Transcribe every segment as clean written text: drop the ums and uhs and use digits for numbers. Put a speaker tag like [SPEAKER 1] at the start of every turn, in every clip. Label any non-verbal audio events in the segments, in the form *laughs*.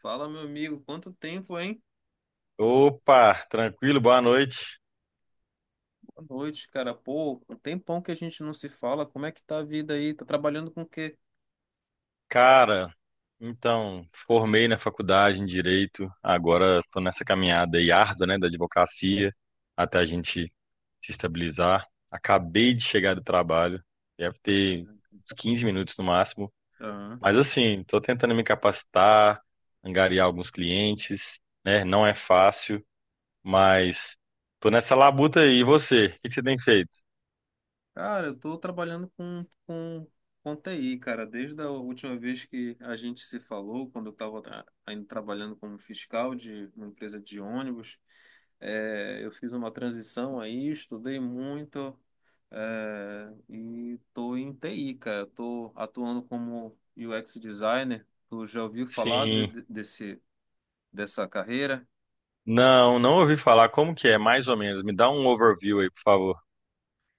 [SPEAKER 1] Fala, meu amigo, quanto tempo, hein?
[SPEAKER 2] Opa, tranquilo, boa noite.
[SPEAKER 1] Boa noite, cara. Pô, um tempão que a gente não se fala. Como é que tá a vida aí? Tá trabalhando com o quê?
[SPEAKER 2] Cara, então, formei na faculdade em Direito, agora tô nessa caminhada aí árdua, né, da advocacia, até a gente se estabilizar. Acabei de chegar do trabalho, deve ter uns 15 minutos no máximo,
[SPEAKER 1] Aham.
[SPEAKER 2] mas assim, tô tentando me capacitar, angariar alguns clientes, né, não é fácil, mas tô nessa labuta aí. E você, o que que você tem feito?
[SPEAKER 1] Cara, eu tô trabalhando com TI, cara. Desde a última vez que a gente se falou, quando eu estava ainda trabalhando como fiscal de uma empresa de ônibus, eu fiz uma transição aí, estudei muito, e tô em TI, cara. Tô atuando como UX designer. Tu já ouviu falar
[SPEAKER 2] Sim.
[SPEAKER 1] desse, dessa carreira?
[SPEAKER 2] Não, não ouvi falar. Como que é? Mais ou menos. Me dá um overview aí, por favor.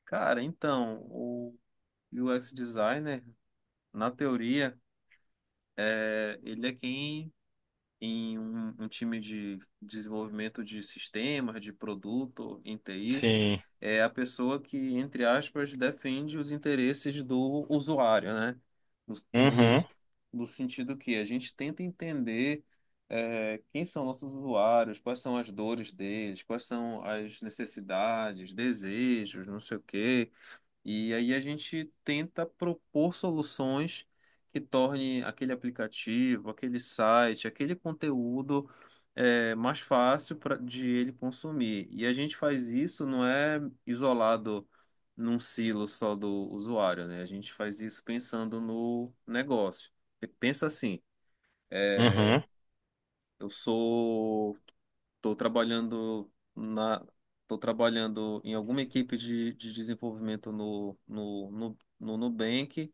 [SPEAKER 1] Cara, então, o UX designer, na teoria, ele é quem em um time de desenvolvimento de sistemas, de produto, em TI,
[SPEAKER 2] Sim.
[SPEAKER 1] é a pessoa que, entre aspas, defende os interesses do usuário, né? No, no,
[SPEAKER 2] Uhum.
[SPEAKER 1] no sentido que a gente tenta entender quem são nossos usuários, quais são as dores deles, quais são as necessidades, desejos, não sei o quê. E aí a gente tenta propor soluções que tornem aquele aplicativo, aquele site, aquele conteúdo mais fácil pra, de ele consumir. E a gente faz isso, não é isolado num silo só do usuário, né? A gente faz isso pensando no negócio. Pensa assim, eh,
[SPEAKER 2] Uhum.
[SPEAKER 1] eu sou Estou trabalhando tô trabalhando em alguma equipe de desenvolvimento no Nubank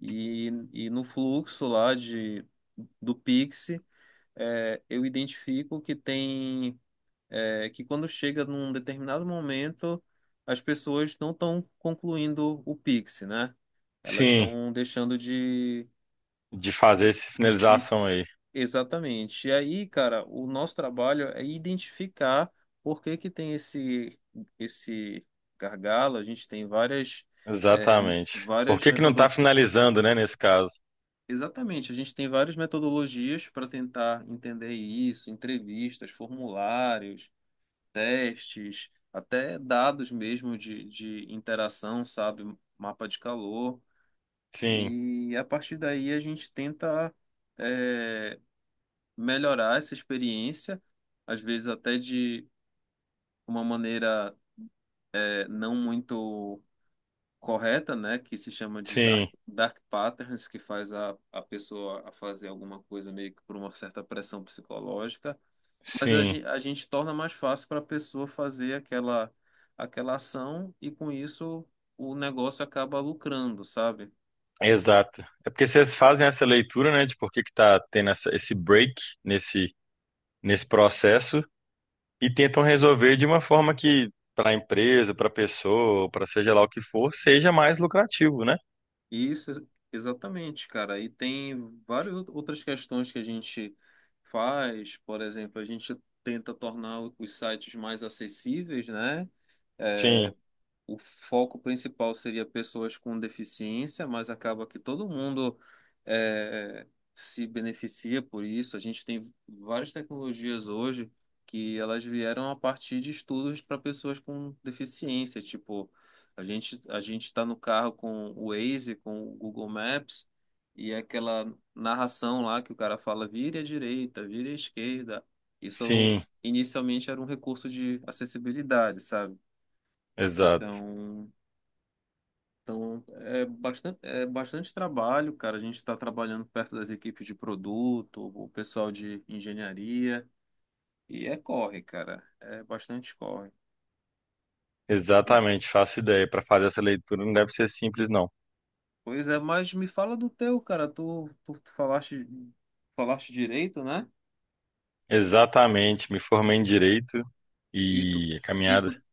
[SPEAKER 1] e no fluxo lá de, do Pix, eu identifico que tem, que quando chega num determinado momento, as pessoas não estão concluindo o Pix, né? Elas
[SPEAKER 2] Sim.
[SPEAKER 1] estão deixando
[SPEAKER 2] De fazer essa
[SPEAKER 1] de,
[SPEAKER 2] finalização aí.
[SPEAKER 1] Exatamente. E aí, cara, o nosso trabalho é identificar por que que tem esse gargalo. A gente tem várias é,
[SPEAKER 2] Exatamente. Por
[SPEAKER 1] várias
[SPEAKER 2] que que não tá
[SPEAKER 1] metodo...
[SPEAKER 2] finalizando, né, nesse caso?
[SPEAKER 1] Exatamente, a gente tem várias metodologias para tentar entender isso, entrevistas, formulários, testes, até dados mesmo de interação, sabe? Mapa de calor.
[SPEAKER 2] Sim.
[SPEAKER 1] E a partir daí a gente tenta eh, melhorar essa experiência, às vezes até de uma maneira não muito correta, né, que se chama de
[SPEAKER 2] Sim.
[SPEAKER 1] dark patterns, que faz a pessoa a fazer alguma coisa meio que por uma certa pressão psicológica, mas
[SPEAKER 2] Sim.
[SPEAKER 1] a gente torna mais fácil para a pessoa fazer aquela, aquela ação e com isso o negócio acaba lucrando, sabe?
[SPEAKER 2] Exato. É porque vocês fazem essa leitura, né, de por que que tá tendo esse break nesse, nesse processo e tentam resolver de uma forma que para a empresa, para a pessoa, para seja lá o que for, seja mais lucrativo, né?
[SPEAKER 1] Isso, ex- exatamente, cara. E tem várias outras questões que a gente faz. Por exemplo, a gente tenta tornar os sites mais acessíveis, né?
[SPEAKER 2] Sim.
[SPEAKER 1] O foco principal seria pessoas com deficiência, mas acaba que todo mundo é, se beneficia por isso. A gente tem várias tecnologias hoje que elas vieram a partir de estudos para pessoas com deficiência. Tipo, a gente está no carro com o Waze, com o Google Maps e é aquela narração lá que o cara fala, vire à direita, vire à esquerda. Isso
[SPEAKER 2] Sim.
[SPEAKER 1] inicialmente era um recurso de acessibilidade, sabe?
[SPEAKER 2] Exato.
[SPEAKER 1] Então, então, é bastante trabalho, cara. A gente está trabalhando perto das equipes de produto, o pessoal de engenharia, e é corre, cara. É bastante corre.
[SPEAKER 2] Exatamente, faço ideia. Para fazer essa leitura não deve ser simples, não.
[SPEAKER 1] Pois é, mas me fala do teu, cara. Tu falaste, falaste direito, né?
[SPEAKER 2] Exatamente, me formei em direito
[SPEAKER 1] E tu,
[SPEAKER 2] e a
[SPEAKER 1] e
[SPEAKER 2] caminhada.
[SPEAKER 1] tu,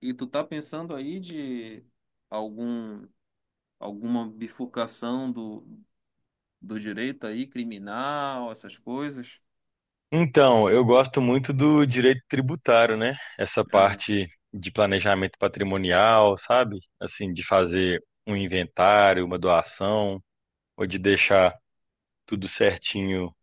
[SPEAKER 1] e tu tá pensando aí de algum, alguma bifurcação do, do direito aí, criminal, essas coisas?
[SPEAKER 2] Então, eu gosto muito do direito tributário, né? Essa
[SPEAKER 1] Aham.
[SPEAKER 2] parte de planejamento patrimonial, sabe? Assim, de fazer um inventário, uma doação, ou de deixar tudo certinho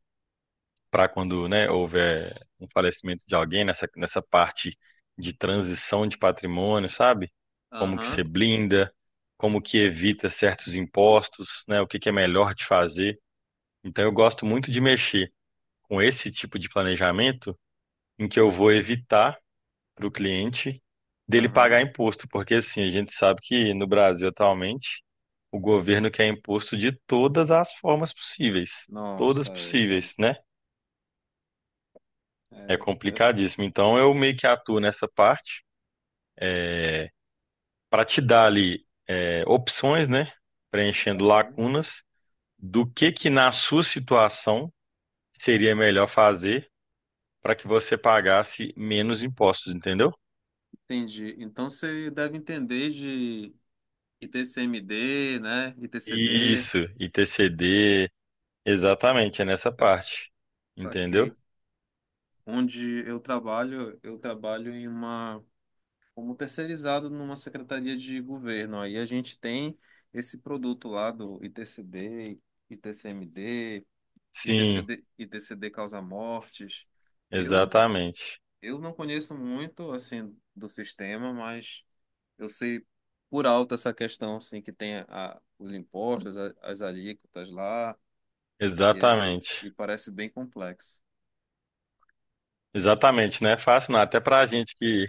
[SPEAKER 2] para quando, né, houver um falecimento de alguém nessa parte de transição de patrimônio, sabe? Como que
[SPEAKER 1] Aham.
[SPEAKER 2] se blinda, como que evita certos impostos, né? O que que é melhor de fazer. Então eu gosto muito de mexer com esse tipo de planejamento em que eu vou evitar para o cliente dele
[SPEAKER 1] Aham.
[SPEAKER 2] pagar imposto, porque assim, a gente sabe que no Brasil atualmente o governo quer imposto de todas as formas possíveis,
[SPEAKER 1] Nossa,
[SPEAKER 2] todas
[SPEAKER 1] é, cara.
[SPEAKER 2] possíveis, né? É
[SPEAKER 1] É,
[SPEAKER 2] complicadíssimo. Então eu meio que atuo nessa parte para te dar ali opções, né? Preenchendo
[SPEAKER 1] aham,
[SPEAKER 2] lacunas do que na sua situação seria melhor fazer para que você pagasse menos impostos, entendeu?
[SPEAKER 1] entendi. Então você deve entender de ITCMD, né? ITCD,
[SPEAKER 2] Isso, ITCD, exatamente, é nessa parte, entendeu?
[SPEAKER 1] saquei. Onde eu trabalho em uma como terceirizado numa secretaria de governo. Aí a gente tem esse produto lá do ITCD, ITCMD,
[SPEAKER 2] Sim,
[SPEAKER 1] ITCD, ITCD causa mortes. Eu
[SPEAKER 2] exatamente,
[SPEAKER 1] eu não conheço muito assim do sistema, mas eu sei por alto essa questão, assim, que tem os impostos, as alíquotas lá, e, é-
[SPEAKER 2] exatamente,
[SPEAKER 1] e parece bem complexo.
[SPEAKER 2] exatamente, não é fácil não, até para a gente que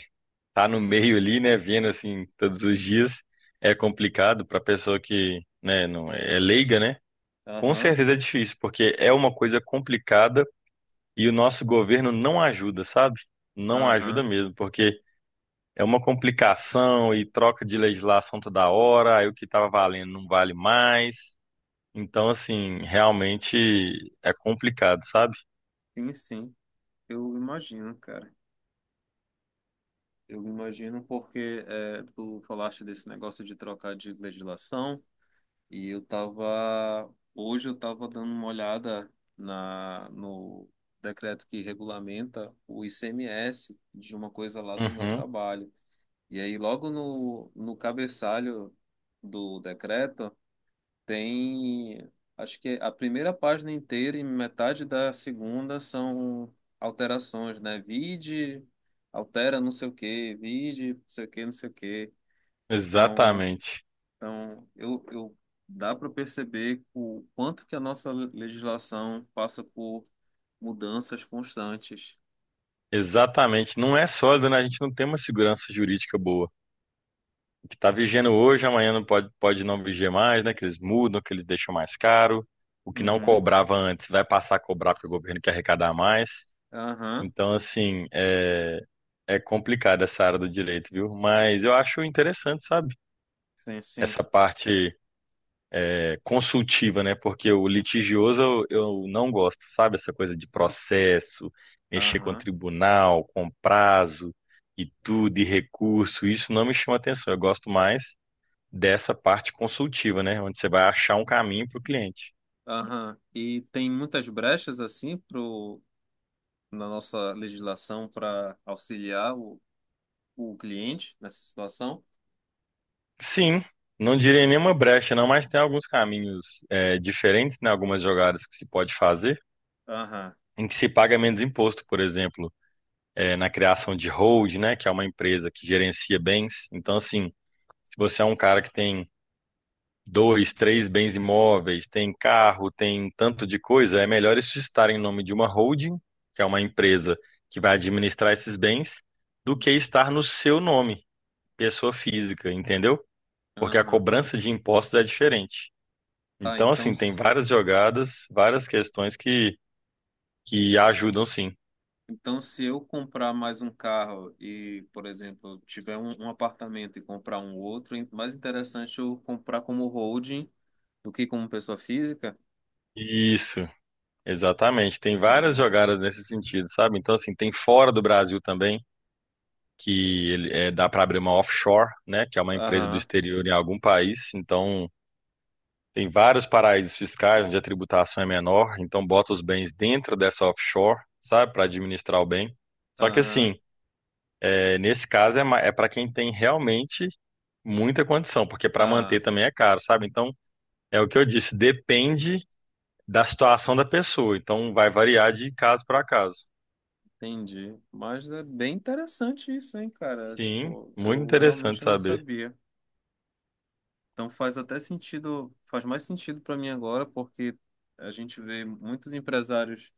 [SPEAKER 2] tá no meio ali, né, vendo assim todos os dias, é complicado para pessoa que, né, não é leiga, né? Com
[SPEAKER 1] Aham,
[SPEAKER 2] certeza é difícil, porque é uma coisa complicada e o nosso governo não ajuda, sabe? Não ajuda
[SPEAKER 1] aham,
[SPEAKER 2] mesmo, porque é uma complicação e troca de legislação toda hora, aí o que estava valendo não vale mais. Então, assim, realmente é complicado, sabe?
[SPEAKER 1] sim, sim, eu imagino, cara. Eu imagino porque é, tu falaste desse negócio de trocar de legislação, e eu tava, hoje eu tava dando uma olhada no decreto que regulamenta o ICMS de uma coisa lá do meu
[SPEAKER 2] Uhum,
[SPEAKER 1] trabalho. E aí, logo no cabeçalho do decreto, tem, acho que a primeira página inteira e metade da segunda são alterações, né? Vide, altera não sei o quê, vide, não sei o quê, não sei o quê. Então,
[SPEAKER 2] exatamente.
[SPEAKER 1] eu dá para perceber o quanto que a nossa legislação passa por mudanças constantes.
[SPEAKER 2] Exatamente. Não é sólido, né? A gente não tem uma segurança jurídica boa. Que tá vigiando hoje, amanhã não pode, pode não vigiar mais, né? Que eles mudam, que eles deixam mais caro. O que não
[SPEAKER 1] Uhum.
[SPEAKER 2] cobrava antes vai passar a cobrar porque o governo quer arrecadar mais.
[SPEAKER 1] Aham,
[SPEAKER 2] Então, assim, é complicado essa área do direito, viu? Mas eu acho interessante, sabe?
[SPEAKER 1] sim, sim.
[SPEAKER 2] Essa parte consultiva, né? Porque o litigioso eu não gosto, sabe? Essa coisa de processo, mexer com
[SPEAKER 1] Aham.
[SPEAKER 2] tribunal, com prazo e tudo, e recurso, isso não me chama atenção. Eu gosto mais dessa parte consultiva, né? Onde você vai achar um caminho para o cliente.
[SPEAKER 1] Aham. E tem muitas brechas assim pro, na nossa legislação para auxiliar o cliente nessa situação?
[SPEAKER 2] Sim, não direi nenhuma brecha, não, mas tem alguns caminhos diferentes, né? Algumas jogadas que se pode fazer,
[SPEAKER 1] Aham,
[SPEAKER 2] em que se paga menos imposto, por exemplo, na criação de hold, né? Que é uma empresa que gerencia bens. Então, assim, se você é um cara que tem dois, três bens imóveis, tem carro, tem tanto de coisa, é melhor isso estar em nome de uma holding, que é uma empresa que vai administrar esses bens, do que estar no seu nome pessoa física, entendeu? Porque a
[SPEAKER 1] aham.
[SPEAKER 2] cobrança de impostos é diferente.
[SPEAKER 1] Tá,
[SPEAKER 2] Então,
[SPEAKER 1] então,
[SPEAKER 2] assim, tem
[SPEAKER 1] s-
[SPEAKER 2] várias jogadas, várias questões que ajudam sim.
[SPEAKER 1] então se eu comprar mais um carro e, por exemplo, tiver um, um apartamento e comprar um outro, é mais interessante eu comprar como holding do que como pessoa física?
[SPEAKER 2] Isso, exatamente. Tem várias
[SPEAKER 1] No.
[SPEAKER 2] jogadas nesse sentido, sabe? Então, assim, tem fora do Brasil também, que ele, dá para abrir uma offshore, né? Que é uma empresa do
[SPEAKER 1] Aham,
[SPEAKER 2] exterior em algum país. Então, tem vários paraísos fiscais onde a tributação é menor. Então, bota os bens dentro dessa offshore, sabe? Para administrar o bem. Só que,
[SPEAKER 1] aham.
[SPEAKER 2] assim, Nesse caso é para quem tem realmente muita condição, porque para
[SPEAKER 1] Ah,
[SPEAKER 2] manter também é caro, sabe? Então, é o que eu disse, depende da situação da pessoa, então vai variar de caso para caso.
[SPEAKER 1] entendi. Mas é bem interessante isso, hein, cara?
[SPEAKER 2] Sim,
[SPEAKER 1] Tipo,
[SPEAKER 2] muito
[SPEAKER 1] eu
[SPEAKER 2] interessante
[SPEAKER 1] realmente não
[SPEAKER 2] saber.
[SPEAKER 1] sabia. Então faz até sentido, faz mais sentido para mim agora, porque a gente vê muitos empresários,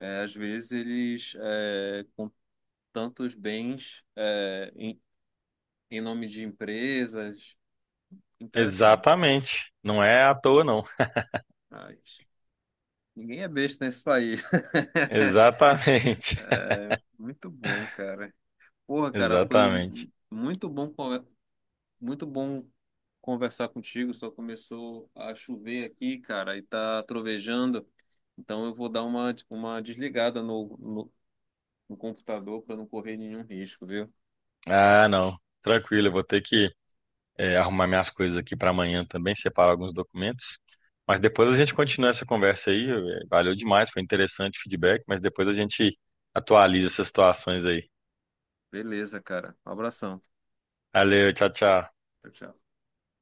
[SPEAKER 1] às vezes eles com tantos bens em nome de empresas. Interessante.
[SPEAKER 2] Exatamente. Não é à toa, não.
[SPEAKER 1] Mas ninguém é besta nesse país.
[SPEAKER 2] Exatamente. *laughs*
[SPEAKER 1] *laughs* Muito bom, cara. Porra, cara, foi
[SPEAKER 2] Exatamente.
[SPEAKER 1] muito bom muito bom conversar contigo. Só começou a chover aqui, cara, e tá trovejando. Então eu vou dar uma desligada no computador para não correr nenhum risco, viu?
[SPEAKER 2] Ah, não. Tranquilo, eu vou ter que arrumar minhas coisas aqui para amanhã também, separar alguns documentos. Mas depois a gente continua essa conversa aí. Valeu demais, foi interessante o feedback, mas depois a gente atualiza essas situações aí.
[SPEAKER 1] Beleza, cara. Um abração.
[SPEAKER 2] Valeu, tchau, tchau.
[SPEAKER 1] Tchau, tchau.